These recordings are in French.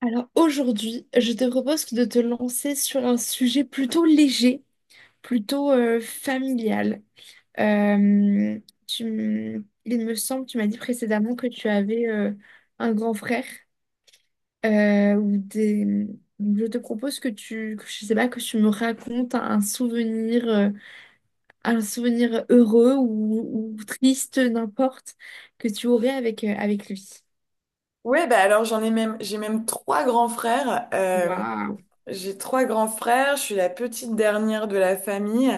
Alors aujourd'hui, je te propose de te lancer sur un sujet plutôt léger, plutôt familial. Euh, il me semble, tu m'as dit précédemment que tu avais un grand frère ou des. Je te propose que tu, que je sais pas, que tu me racontes un souvenir heureux ou triste, n'importe, que tu aurais avec lui. Ouais, bah alors j'ai même trois grands frères. Waouh! J'ai trois grands frères, je suis la petite dernière de la famille.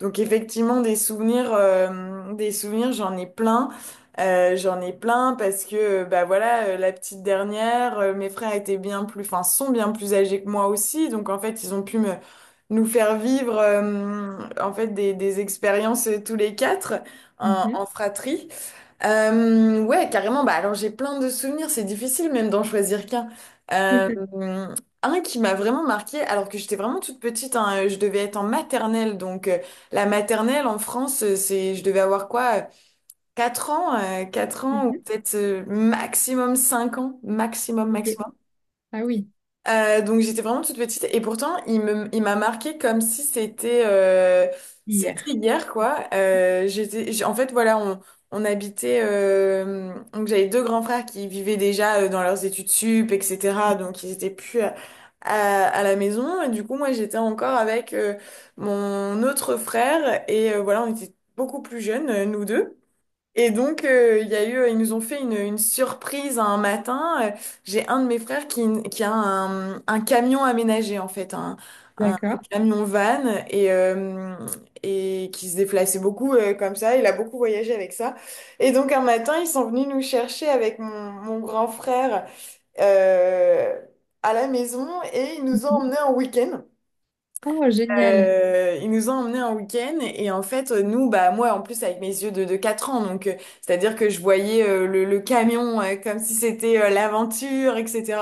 Donc effectivement, des souvenirs, j'en ai plein. J'en ai plein parce que, bah voilà, la petite dernière, mes frères étaient bien plus, enfin, sont bien plus âgés que moi aussi. Donc en fait, ils ont pu nous faire vivre, en fait, des expériences tous les quatre en Mhm. en fratrie. Ouais, carrément. Bah, alors j'ai plein de souvenirs, c'est difficile même d'en choisir qu'un. Euh, un qui m'a vraiment marqué, alors que j'étais vraiment toute petite, hein, je devais être en maternelle. Donc la maternelle en France, c'est, je devais avoir quoi, 4 ans ou Mhm. peut-être maximum 5 ans, maximum, Ok. maximum. Ah oui, Donc j'étais vraiment toute petite et pourtant il m'a marqué comme si c'était hier. hier quoi. En fait voilà on habitait donc j'avais deux grands frères qui vivaient déjà dans leurs études sup etc. Donc ils étaient plus à la maison et du coup moi j'étais encore avec mon autre frère et voilà, on était beaucoup plus jeunes nous deux. Et donc, il y a eu, ils nous ont fait une surprise un matin. J'ai un de mes frères qui a un camion aménagé, en fait, un D'accord. camion van, et, euh, et qui se déplaçait beaucoup comme ça. Il a beaucoup voyagé avec ça. Et donc, un matin, ils sont venus nous chercher avec mon grand frère euh, à la maison et ils nous ont Mhm. emmenés en week-end. Oh, génial. Il nous a emmenés un week-end et en fait nous, bah moi en plus avec mes yeux de 4 ans, donc c'est-à-dire que je voyais le camion comme si c'était l'aventure etc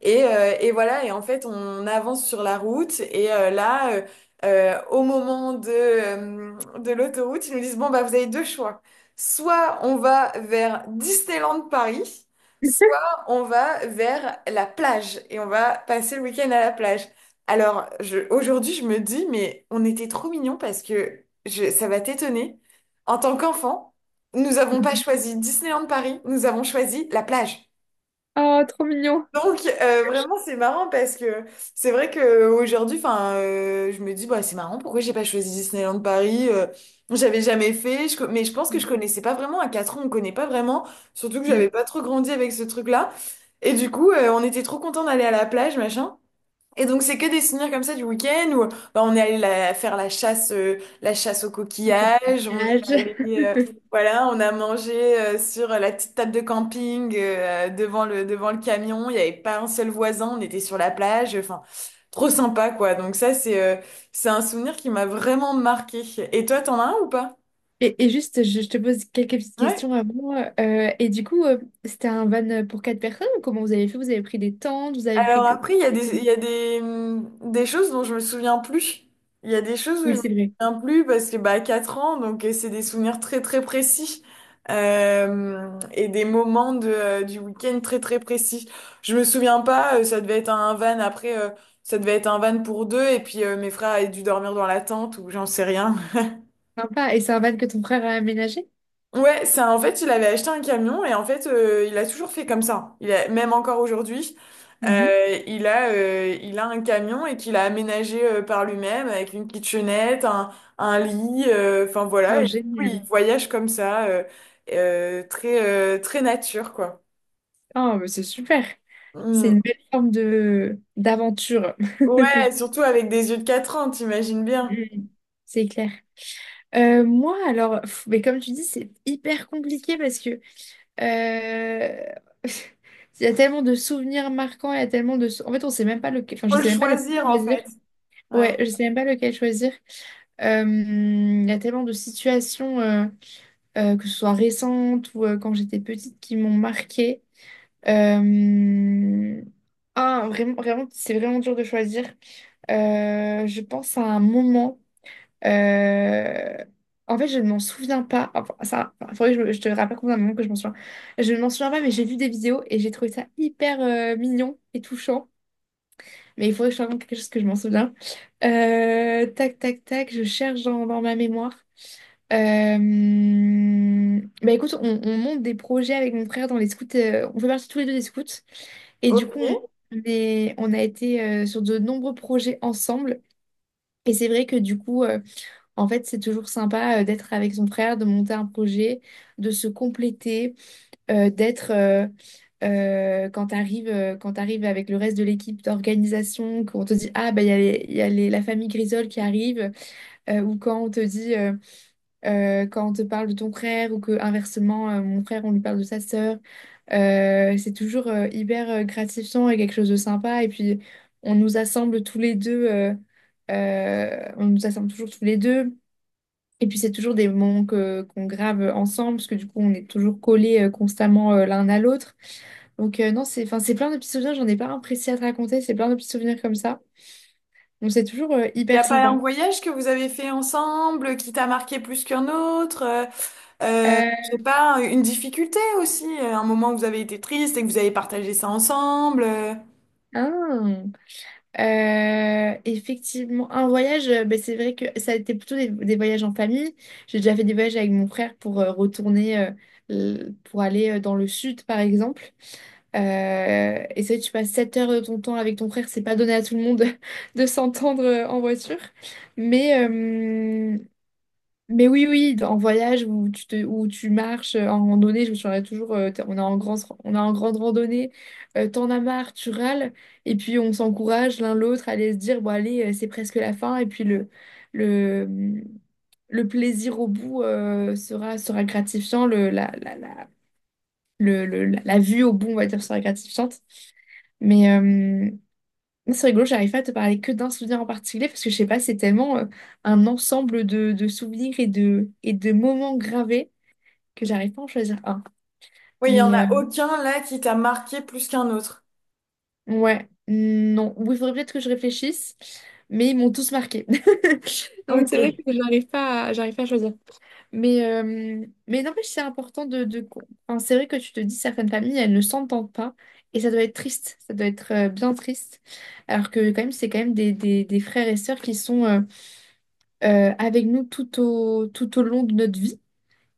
et voilà, et en fait, on avance sur la route. Et là, au moment de l'autoroute, ils nous disent, bon, bah, vous avez deux choix. Soit on va vers Disneyland Paris, soit on va vers la plage et on va passer le week-end à la plage. Alors, aujourd'hui, je me dis, mais on était trop mignons parce que, ça va t'étonner. En tant qu'enfant, nous n'avons pas choisi Disneyland Paris, nous avons choisi la plage. Oh, trop mignon. Donc vraiment c'est marrant parce que c'est vrai que aujourd'hui, enfin je me dis, bah c'est marrant, pourquoi j'ai pas choisi Disneyland Paris. J'avais jamais fait, mais je pense que je Mm, connaissais pas vraiment. À 4 ans on connaît pas vraiment, surtout que j'avais mm. pas trop grandi avec ce truc-là, et du coup on était trop contents d'aller à la plage, machin, et donc c'est que des souvenirs comme ça du week-end où, bah, on est allé faire la chasse aux coquillages, on est Nuage. allé, euh, voilà, on a mangé sur la petite table de camping devant le camion, il n'y avait pas un seul voisin, on était sur la plage, enfin trop sympa quoi. Donc ça, c'est un souvenir qui m'a vraiment marqué. Et toi, t'en as un ou pas? Et juste, je te pose quelques petites Ouais. questions avant. Et du coup, c'était un van pour quatre personnes ou comment vous avez fait? Vous avez pris des tentes, vous avez pris Alors que... après, il y a des, comment? Des choses dont je me souviens plus. Il y a des choses où je Oui, me c'est vrai. souviens plus parce que bah 4 ans, donc c'est des souvenirs très très précis. Et des moments du week-end très très précis. Je me souviens pas, ça devait être un van après, ça devait être un van pour deux et puis mes frères avaient dû dormir dans la tente ou j'en sais rien. Sympa. Et c'est un van que ton frère a aménagé? Ouais, ça, en fait, il avait acheté un camion et en fait, il a toujours fait comme ça. Il a, même encore aujourd'hui, Mhm. Il a un camion et qu'il a aménagé par lui-même avec une kitchenette, un lit, enfin Oh, voilà. Et du coup, il génial. voyage comme ça, très, très nature, quoi. Oh, mais c'est super. C'est Mm. une belle forme de d'aventure. Ouais, surtout avec des yeux de 4 ans, t'imagines bien. Mm. C'est clair. Moi, alors, pff, mais comme tu dis, c'est hyper compliqué parce que euh, il y a tellement de souvenirs marquants, il y a tellement de... sou- en fait, on sait même pas lequel. Enfin, je Faut le sais même pas lequel choisir, en choisir. fait. Ouais. Ouais, je sais même pas lequel choisir. Il y a tellement de situations, que ce soit récentes ou quand j'étais petite, qui m'ont marquée. Euh, Ah, vraiment, vraiment, c'est vraiment dur de choisir. Je pense à un moment. Euh, En fait, je ne m'en souviens pas. Enfin, ça, enfin, faudrait que je te rappelle combien de moments que je m'en souviens. Je ne m'en souviens pas, mais j'ai vu des vidéos et j'ai trouvé ça hyper mignon et touchant. Mais il faudrait que je te raconte quelque chose que je m'en souviens. Tac, tac, tac, je cherche dans ma mémoire. Bah écoute, on monte des projets avec mon frère dans les scouts. On fait partie tous les deux des scouts. Et du Ok. coup, Il on a été sur de nombreux projets ensemble. Et c'est vrai que du coup, en fait, c'est toujours sympa d'être avec son frère, de monter un projet, de se compléter, d'être quand t'arrives avec le reste de l'équipe d'organisation, qu'on te dit ah bah il y a, les- il y a les- la famille Grisol qui arrive, ou quand on te dit quand on te parle de ton frère, ou que inversement mon frère on lui parle de sa sœur, c'est toujours hyper gratifiant et quelque chose de sympa. Et puis on nous assemble tous les deux. On nous assemble toujours tous les deux. Et puis c'est toujours des moments que qu'on grave ensemble, parce que du coup on est toujours collés constamment l'un à l'autre. Donc non, c'est enfin, c'est plein de petits souvenirs, j'en ai pas un précis à te raconter, c'est plein de petits souvenirs comme ça. Donc c'est toujours n'y a hyper pas un sympa. voyage que vous avez fait ensemble qui t'a marqué plus qu'un autre? Euh, Je sais pas, une difficulté aussi, un moment où vous avez été triste et que vous avez partagé ça ensemble. Hein, effectivement, un voyage, ben, c'est vrai que ça a été plutôt des voyages en famille. J'ai déjà fait des voyages avec mon frère pour aller dans le sud, par exemple. Et ça, tu passes 7 heures de ton temps avec ton frère, c'est pas donné à tout le monde de s'entendre en voiture. Mais, euh, mais oui, oui, en voyage où où tu marches en randonnée, je me souviendrai toujours, on est en grande randonnée, t'en as marre, tu râles, et puis on s'encourage l'un l'autre à aller se dire, bon allez, c'est presque la fin, et puis le, le plaisir au bout sera gratifiant, le, la- le- la la vue au bout, on va dire, serait gratifiante. Mais c'est rigolo, j'arrive pas à te parler que d'un souvenir en particulier parce que je sais pas, c'est tellement un ensemble de souvenirs et et de moments gravés que j'arrive pas à en choisir un. Oui, il y en Mais a aucun là qui t'a marqué plus qu'un autre. ouais, non. Oui, il faudrait peut-être que je réfléchisse, mais ils m'ont tous marqué. Donc c'est vrai Ok. que j'arrive pas à choisir. Mais n'empêche, c'est important enfin, c'est vrai que tu te dis, certaines familles, elles ne s'entendent pas. Et ça doit être triste, ça doit être bien triste. Alors que quand même, c'est quand même des frères et sœurs qui sont avec nous tout au long de notre vie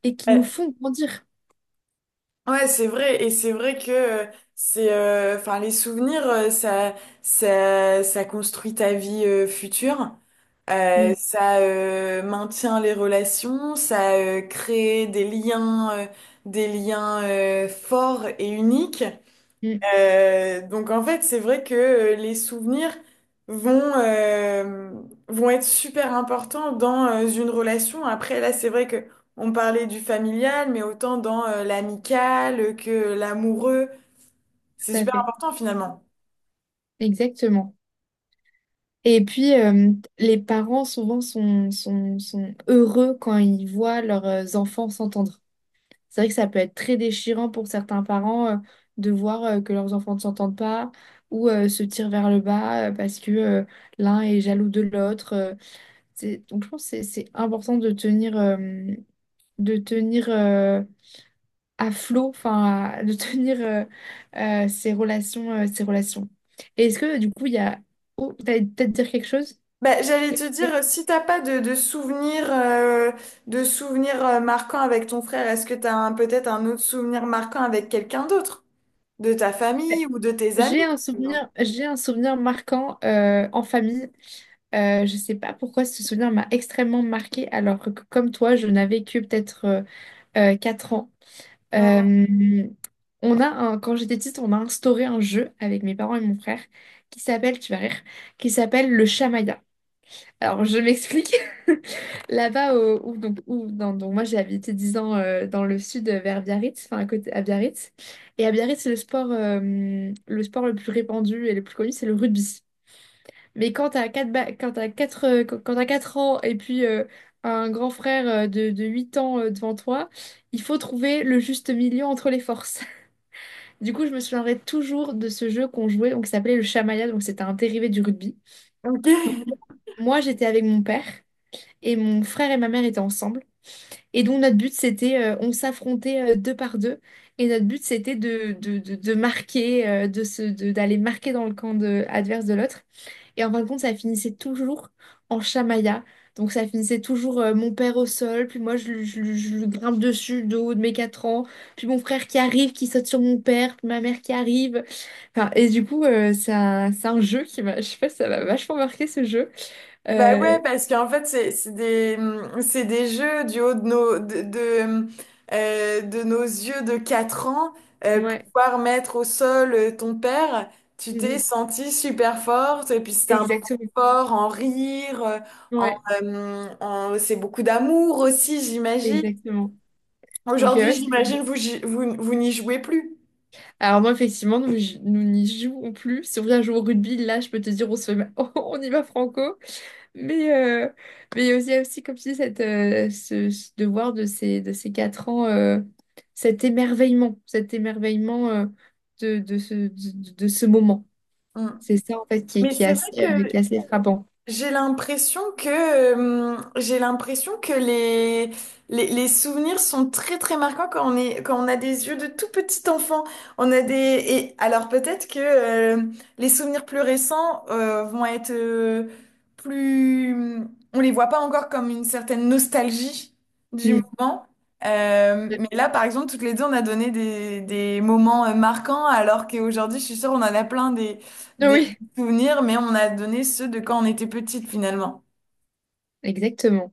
et qui nous Euh, font grandir. ouais, c'est vrai, et c'est vrai que enfin, les souvenirs, ça construit ta vie future. Mm, Ça maintient les relations, ça crée des liens forts et uniques. mm, Donc en fait, c'est vrai que les souvenirs vont, euh, vont être super importants dans une relation. Après, là, c'est vrai que on parlait du familial, mais autant dans l'amical que l'amoureux. C'est tout à super fait, important finalement. exactement. Et puis, les parents, souvent, sont heureux quand ils voient leurs enfants s'entendre. C'est vrai que ça peut être très déchirant pour certains parents de voir que leurs enfants ne s'entendent pas ou se tirent vers le bas parce que l'un est jaloux de l'autre. Donc je pense que c'est important de tenir à flot, enfin de tenir ces relations, ces relations. Et est-ce que du coup il y a. Oh, t'allais peut-être dire quelque chose? Bah, Je j'allais t'ai te coupé. dire, si t'as pas de souvenirs marquants avec ton frère, est-ce que peut-être un autre souvenir marquant avec quelqu'un d'autre? De ta famille ou de tes amis, J'ai un par exemple? souvenir, j'ai un souvenir marquant en famille. Je sais pas pourquoi ce souvenir m'a extrêmement marqué alors que comme toi, je n'avais que peut-être 4 ans. Ah, Euh, Quand j'étais petite, on a instauré un jeu avec mes parents et mon frère qui s'appelle, tu vas rire, qui s'appelle le Chamaya. Alors je m'explique. Là-bas, au- où, donc, où- dans- donc, moi j'ai habité 10 ans dans le sud vers Biarritz, enfin à côté, à Biarritz. Et à Biarritz, le sport le plus répandu et le plus connu, c'est le rugby. Mais quand t'as 4 ans et puis un grand frère de 8 ans devant toi, il faut trouver le juste milieu entre les forces. Du coup, je me souviendrai toujours de ce jeu qu'on jouait, donc, qui s'appelait le Shamaya, donc c'était un dérivé du rugby. Donc, ok. moi, j'étais avec mon père et mon frère et ma mère étaient ensemble. Et donc, notre but, c'était, on s'affrontait deux par deux. Et notre but, c'était de marquer, d'aller marquer dans le camp adverse de l'autre. Et en fin de compte, ça finissait toujours en chamaillard. Donc ça finissait toujours mon père au sol, puis moi je lui grimpe dessus de haut de mes 4 ans, puis mon frère qui arrive, qui saute sur mon père, puis ma mère qui arrive. Enfin, et du coup, c'est un jeu je sais pas, ça m'a vachement marqué ce jeu. Bah Euh, ouais, parce qu'en fait, c'est des jeux du haut de de nos yeux de 4 ans. Ouais, Pouvoir mettre au sol ton père, tu t'es Mhm. sentie super forte. Et puis c'était un moment Exactement. fort en rire, en, Ouais, c'est beaucoup d'amour aussi, j'imagine. exactement. Donc, Aujourd'hui, ouais, j'imagine, vous n'y jouez plus. alors moi, effectivement, nous n'y jouons plus. Si on vient jouer au rugby, là, je peux te dire, on se fait... on y va franco. Mais, euh, mais il y a aussi, aussi, comme tu dis, ce devoir de ces 4 ans, cet émerveillement de ce moment. Hum. C'est ça, en fait, Mais c'est vrai que qui est assez frappant. j'ai l'impression que les souvenirs sont très très marquants quand on a des yeux de tout petit enfant. Et alors peut-être que, les souvenirs plus récents, vont être, plus, on les voit pas encore comme une certaine nostalgie du Mm. moment. Mais là, par exemple, toutes les deux, on a donné des moments marquants, alors qu'aujourd'hui, je suis sûre, on en a plein Oui, souvenirs, mais on a donné ceux de quand on était petite finalement. exactement.